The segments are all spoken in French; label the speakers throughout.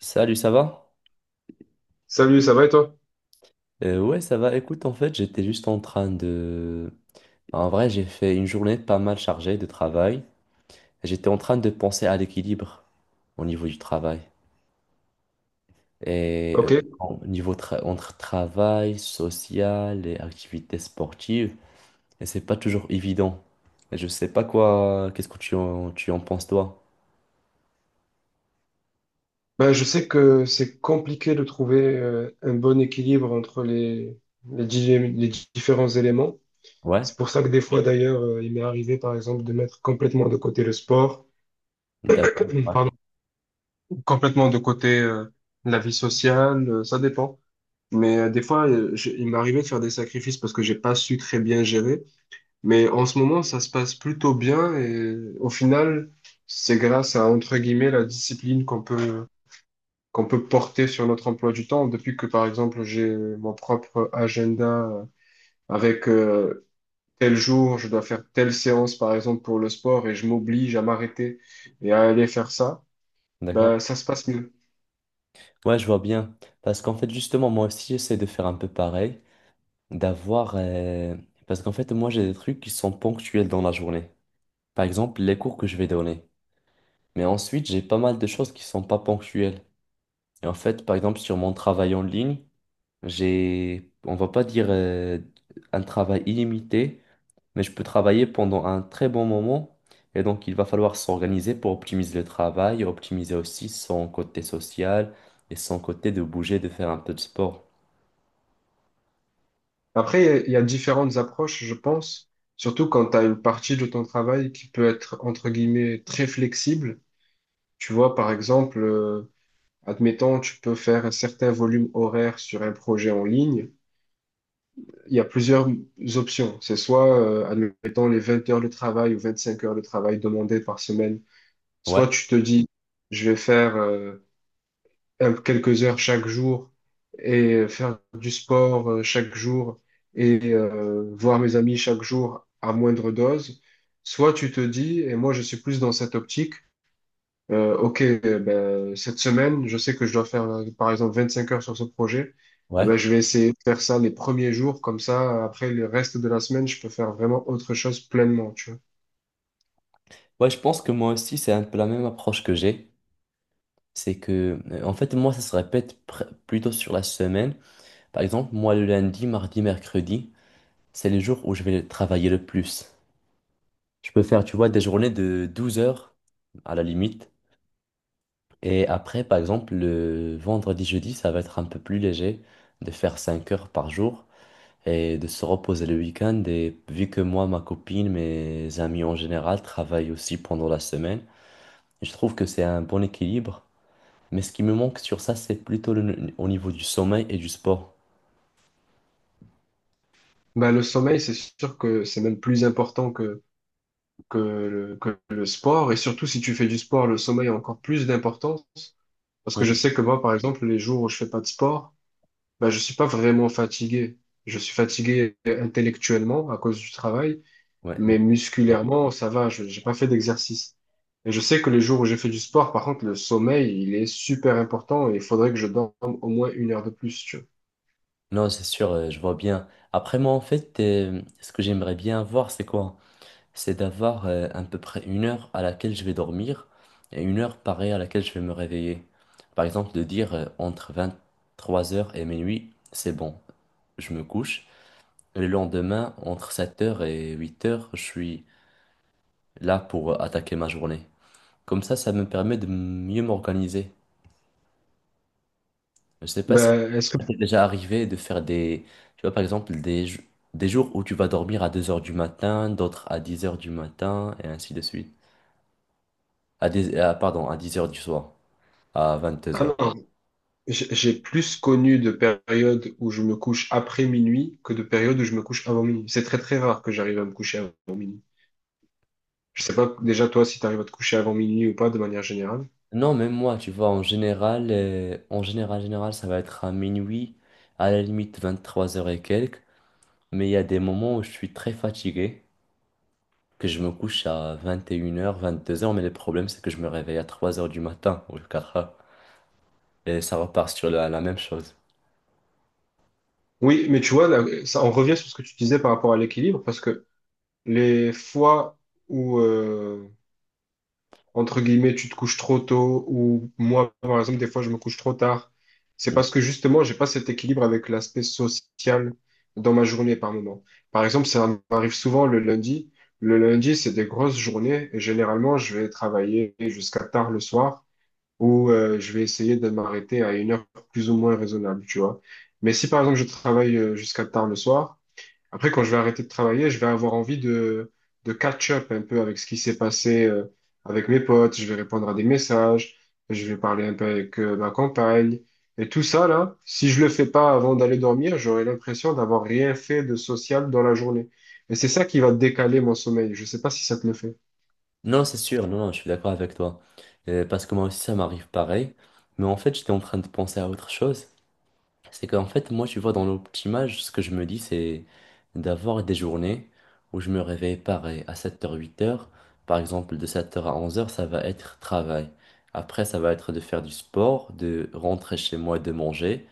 Speaker 1: Salut, ça va?
Speaker 2: Salut, ça va et toi?
Speaker 1: Ouais, ça va. Écoute, en fait, j'étais juste en train de. En vrai, j'ai fait une journée pas mal chargée de travail. J'étais en train de penser à l'équilibre au niveau du travail. Et
Speaker 2: Ok.
Speaker 1: au niveau entre travail, social et activités sportives. Et c'est pas toujours évident. Et je sais pas quoi. Qu'est-ce que tu en penses, toi?
Speaker 2: Ben, je sais que c'est compliqué de trouver un bon équilibre entre les différents éléments.
Speaker 1: Ouais?
Speaker 2: C'est pour ça que des fois, d'ailleurs, il m'est arrivé, par exemple, de mettre complètement de côté le sport,
Speaker 1: D'accord. Ouais.
Speaker 2: pardon, complètement de côté la vie sociale, ça dépend. Mais des fois, il m'est arrivé de faire des sacrifices parce que j'ai pas su très bien gérer. Mais en ce moment, ça se passe plutôt bien et au final, c'est grâce à, entre guillemets, la discipline qu'on peut porter sur notre emploi du temps. Depuis que, par exemple, j'ai mon propre agenda avec tel jour, je dois faire telle séance, par exemple, pour le sport, et je m'oblige à m'arrêter et à aller faire ça,
Speaker 1: D'accord.
Speaker 2: ben, ça se passe mieux.
Speaker 1: Ouais, je vois bien. Parce qu'en fait, justement, moi aussi, j'essaie de faire un peu pareil. d'avoir... euh, Parce qu'en fait, moi, j'ai des trucs qui sont ponctuels dans la journée. Par exemple, les cours que je vais donner. Mais ensuite, j'ai pas mal de choses qui sont pas ponctuelles. Et en fait, par exemple, sur mon travail en ligne, on va pas dire un travail illimité, mais je peux travailler pendant un très bon moment. Et donc, il va falloir s'organiser pour optimiser le travail, optimiser aussi son côté social et son côté de bouger, de faire un peu de sport.
Speaker 2: Après, il y a différentes approches, je pense, surtout quand tu as une partie de ton travail qui peut être, entre guillemets, très flexible. Tu vois, par exemple, admettons, tu peux faire un certain volume horaire sur un projet en ligne, il y a plusieurs options. C'est soit, admettons, les 20 heures de travail ou 25 heures de travail demandées par semaine. Soit
Speaker 1: Ouais,
Speaker 2: tu te dis, je vais faire quelques heures chaque jour et faire du sport chaque jour et voir mes amis chaque jour à moindre dose. Soit tu te dis, et moi je suis plus dans cette optique, ok, ben, cette semaine, je sais que je dois faire par exemple 25 heures sur ce projet. Eh
Speaker 1: ouais.
Speaker 2: ben, je vais essayer de faire ça les premiers jours, comme ça, après le reste de la semaine, je peux faire vraiment autre chose pleinement, tu vois.
Speaker 1: Ouais, je pense que moi aussi, c'est un peu la même approche que j'ai. C'est que, en fait, moi, ça se répète plutôt sur la semaine. Par exemple, moi, le lundi, mardi, mercredi, c'est les jours où je vais travailler le plus. Je peux faire, tu vois, des journées de 12 heures à la limite. Et après, par exemple, le vendredi, jeudi, ça va être un peu plus léger de faire 5 heures par jour et de se reposer le week-end. Et vu que moi, ma copine, mes amis en général travaillent aussi pendant la semaine, je trouve que c'est un bon équilibre. Mais ce qui me manque sur ça, c'est plutôt au niveau du sommeil et du sport.
Speaker 2: Ben, le sommeil, c'est sûr que c'est même plus important que le sport. Et surtout, si tu fais du sport, le sommeil a encore plus d'importance. Parce que je
Speaker 1: Mm.
Speaker 2: sais que moi, par exemple, les jours où je fais pas de sport, ben, je suis pas vraiment fatigué. Je suis fatigué intellectuellement à cause du travail,
Speaker 1: Ouais, mais
Speaker 2: mais
Speaker 1: bon.
Speaker 2: musculairement, ça va, je j'ai pas fait d'exercice. Et je sais que les jours où j'ai fait du sport, par contre, le sommeil, il est super important et il faudrait que je dorme au moins 1 heure de plus, tu vois.
Speaker 1: Non, c'est sûr, je vois bien. Après, moi, en fait, ce que j'aimerais bien avoir, c'est quoi? C'est d'avoir à peu près une heure à laquelle je vais dormir et une heure pareille à laquelle je vais me réveiller. Par exemple, de dire entre 3 heures et minuit, c'est bon, je me couche. Le lendemain, entre 7 heures et 8 heures, je suis là pour attaquer ma journée. Comme ça me permet de mieux m'organiser. Je sais pas. Ça
Speaker 2: Ben, est-ce que...
Speaker 1: t'est déjà arrivé de faire tu vois, par exemple, des jours où tu vas dormir à 2 heures du matin, d'autres à 10 heures du matin, et ainsi de suite. Pardon, à 10 heures du soir, à vingt deux
Speaker 2: Ah
Speaker 1: heures
Speaker 2: non, j'ai plus connu de périodes où je me couche après minuit que de périodes où je me couche avant minuit. C'est très très rare que j'arrive à me coucher avant minuit. Je sais pas déjà toi si tu arrives à te coucher avant minuit ou pas de manière générale.
Speaker 1: Non, même moi, tu vois, en général, ça va être à minuit, à la limite 23 heures et quelques, mais il y a des moments où je suis très fatigué, que je me couche à 21 heures 22 heures, mais le problème, c'est que je me réveille à 3 heures du matin ou 4h, et ça repart sur la même chose.
Speaker 2: Oui, mais tu vois, là, ça, on revient sur ce que tu disais par rapport à l'équilibre, parce que les fois où, entre guillemets, tu te couches trop tôt, ou moi, par exemple, des fois, je me couche trop tard. C'est parce que justement, j'ai pas cet équilibre avec l'aspect social dans ma journée par moment. Par exemple, ça m'arrive souvent le lundi. Le lundi, c'est des grosses journées et généralement, je vais travailler jusqu'à tard le soir ou je vais essayer de m'arrêter à une heure plus ou moins raisonnable, tu vois. Mais si par exemple, je travaille jusqu'à tard le soir, après, quand je vais arrêter de travailler, je vais avoir envie de catch-up un peu avec ce qui s'est passé avec mes potes. Je vais répondre à des messages, je vais parler un peu avec ma compagne. Et tout ça, là, si je le fais pas avant d'aller dormir, j'aurai l'impression d'avoir rien fait de social dans la journée. Et c'est ça qui va décaler mon sommeil. Je sais pas si ça te le fait.
Speaker 1: Non, c'est sûr, non, non, je suis d'accord avec toi. Parce que moi aussi, ça m'arrive pareil. Mais en fait, j'étais en train de penser à autre chose. C'est qu'en fait, moi, tu vois, dans l'optimage, ce que je me dis, c'est d'avoir des journées où je me réveille pareil à 7h, 8h. Par exemple, de 7h à 11h, ça va être travail. Après, ça va être de faire du sport, de rentrer chez moi, de manger,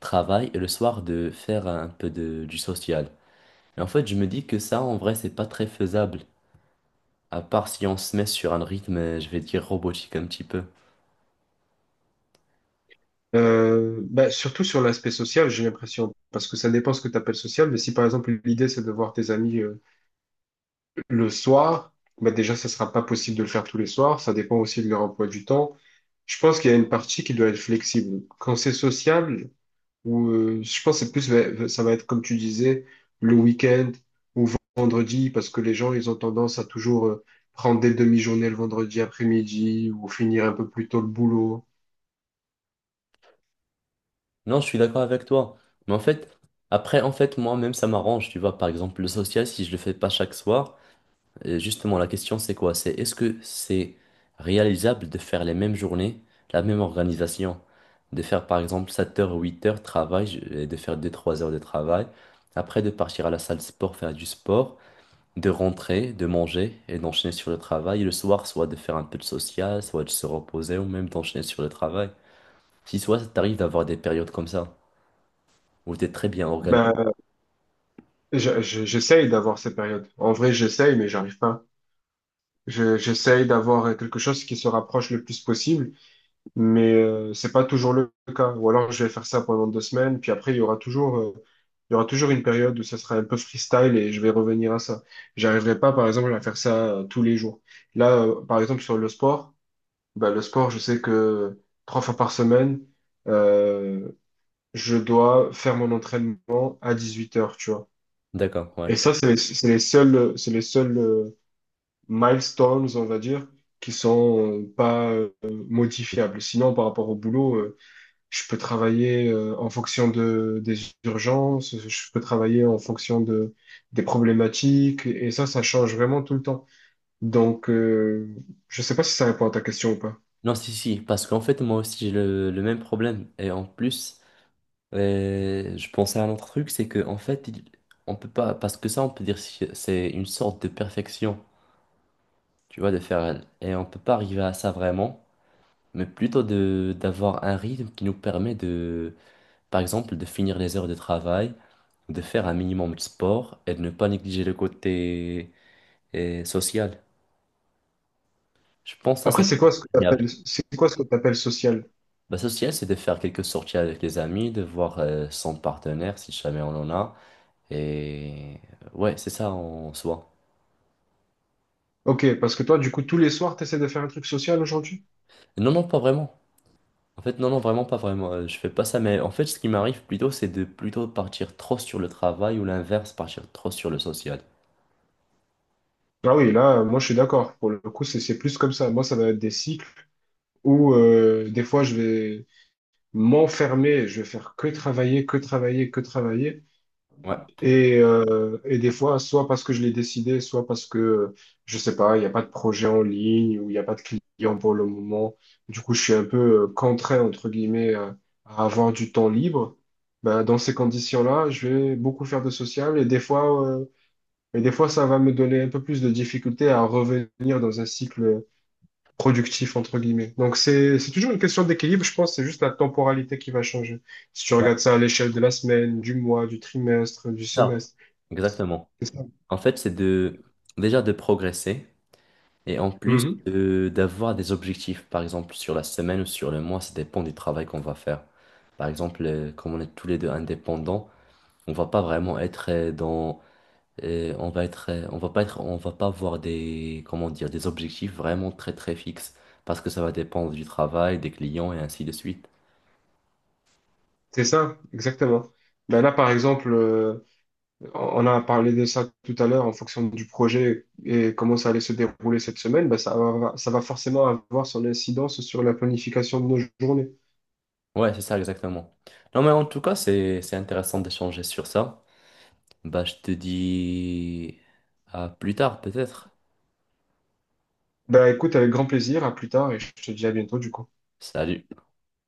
Speaker 1: travail, et le soir, de faire un peu du social. Et en fait, je me dis que ça, en vrai, c'est pas très faisable à part si on se met sur un rythme, je vais dire robotique un petit peu.
Speaker 2: Surtout sur l'aspect social, j'ai l'impression, parce que ça dépend ce que tu appelles social, mais si par exemple l'idée c'est de voir tes amis le soir, bah déjà, ça sera pas possible de le faire tous les soirs. Ça dépend aussi de leur emploi du temps. Je pense qu'il y a une partie qui doit être flexible. Quand c'est sociable, ou je pense que c'est plus, ouais, ça va être comme tu disais, le week-end ou vendredi, parce que les gens, ils ont tendance à toujours prendre des demi-journées le vendredi après-midi ou finir un peu plus tôt le boulot.
Speaker 1: Non, je suis d'accord avec toi. Mais en fait, après, en fait, moi-même, ça m'arrange. Tu vois, par exemple, le social, si je le fais pas chaque soir, justement, la question, c'est quoi? C'est est-ce que c'est réalisable de faire les mêmes journées, la même organisation? De faire, par exemple, 7 heures ou 8 heures de travail, et de faire deux, trois heures de travail. Après, de partir à la salle de sport, faire du sport. De rentrer, de manger et d'enchaîner sur le travail. Et le soir, soit de faire un peu de social, soit de se reposer ou même d'enchaîner sur le travail. Si soit ça t'arrive d'avoir des périodes comme ça, où t'es très bien organisé.
Speaker 2: Ben, j'essaye d'avoir ces périodes. En vrai, j'essaye, mais j'arrive pas. J'essaye d'avoir quelque chose qui se rapproche le plus possible. Mais c'est pas toujours le cas. Ou alors je vais faire ça pendant 2 semaines, puis après il y aura toujours, il y aura toujours une période où ça sera un peu freestyle et je vais revenir à ça. J'arriverai pas, par exemple, à faire ça tous les jours. Là, par exemple, sur le sport, bah, le sport, je sais que 3 fois par semaine, euh, je dois faire mon entraînement à 18 heures, tu vois.
Speaker 1: D'accord, ouais.
Speaker 2: Et ça, c'est les seuls milestones, on va dire, qui sont pas modifiables. Sinon, par rapport au boulot, je peux travailler en fonction de, des urgences, je peux travailler en fonction de, des problématiques, et ça change vraiment tout le temps. Donc, je sais pas si ça répond à ta question ou pas.
Speaker 1: Non, si, si, parce qu'en fait, moi aussi, j'ai le même problème. Et en plus, je pensais à un autre truc, c'est que en fait, on peut pas, parce que ça, on peut dire c'est une sorte de perfection, tu vois, de faire. Et on peut pas arriver à ça vraiment, mais plutôt de d'avoir un rythme qui nous permet de. Par exemple, de finir les heures de travail, de faire un minimum de sport et de ne pas négliger le côté social. Je pense que ça,
Speaker 2: Après,
Speaker 1: c'est préférable.
Speaker 2: c'est quoi ce que t'appelles social?
Speaker 1: Le social, c'est de faire quelques sorties avec les amis, de voir son partenaire, si jamais on en a. Et ouais, c'est ça en soi.
Speaker 2: Ok, parce que toi, du coup, tous les soirs, t'essaies de faire un truc social aujourd'hui?
Speaker 1: Non, non, pas vraiment. En fait, non, non, vraiment pas vraiment. Je fais pas ça, mais en fait, ce qui m'arrive plutôt, c'est de plutôt partir trop sur le travail ou l'inverse, partir trop sur le social.
Speaker 2: Ah oui, là, moi, je suis d'accord. Pour le coup, c'est plus comme ça. Moi, ça va être des cycles où, des fois, je vais m'enfermer, je vais faire que travailler, que travailler, que travailler.
Speaker 1: Ouais,
Speaker 2: Et, des fois, soit parce que je l'ai décidé, soit parce que, je sais pas, il n'y a pas de projet en ligne ou il n'y a pas de client pour le moment. Du coup, je suis un peu contraint, entre guillemets, à avoir du temps libre. Ben, dans ces conditions-là, je vais beaucoup faire de social et des fois, ça va me donner un peu plus de difficulté à revenir dans un cycle productif, entre guillemets. Donc, c'est toujours une question d'équilibre, je pense, que c'est juste la temporalité qui va changer. Si tu
Speaker 1: ouais,
Speaker 2: regardes ça à l'échelle de la semaine, du mois, du trimestre, du
Speaker 1: c'est ça.
Speaker 2: semestre.
Speaker 1: Exactement.
Speaker 2: C'est ça.
Speaker 1: En fait, c'est de déjà de progresser. Et en plus
Speaker 2: Mhm.
Speaker 1: d'avoir des objectifs, par exemple sur la semaine ou sur le mois, ça dépend du travail qu'on va faire. Par exemple, comme on est tous les deux indépendants, on va pas vraiment être dans, on va être, on va pas être, on va pas avoir des, comment dire, des objectifs vraiment très très fixes parce que ça va dépendre du travail, des clients et ainsi de suite.
Speaker 2: C'est ça, exactement. Ben là, par exemple, on a parlé de ça tout à l'heure en fonction du projet et comment ça allait se dérouler cette semaine. Ben ça va forcément avoir son incidence sur la planification de nos journées.
Speaker 1: Ouais, c'est ça exactement. Non mais en tout cas, c'est intéressant d'échanger sur ça. Bah, je te dis à plus tard peut-être.
Speaker 2: Ben écoute, avec grand plaisir, à plus tard et je te dis à bientôt du coup.
Speaker 1: Salut.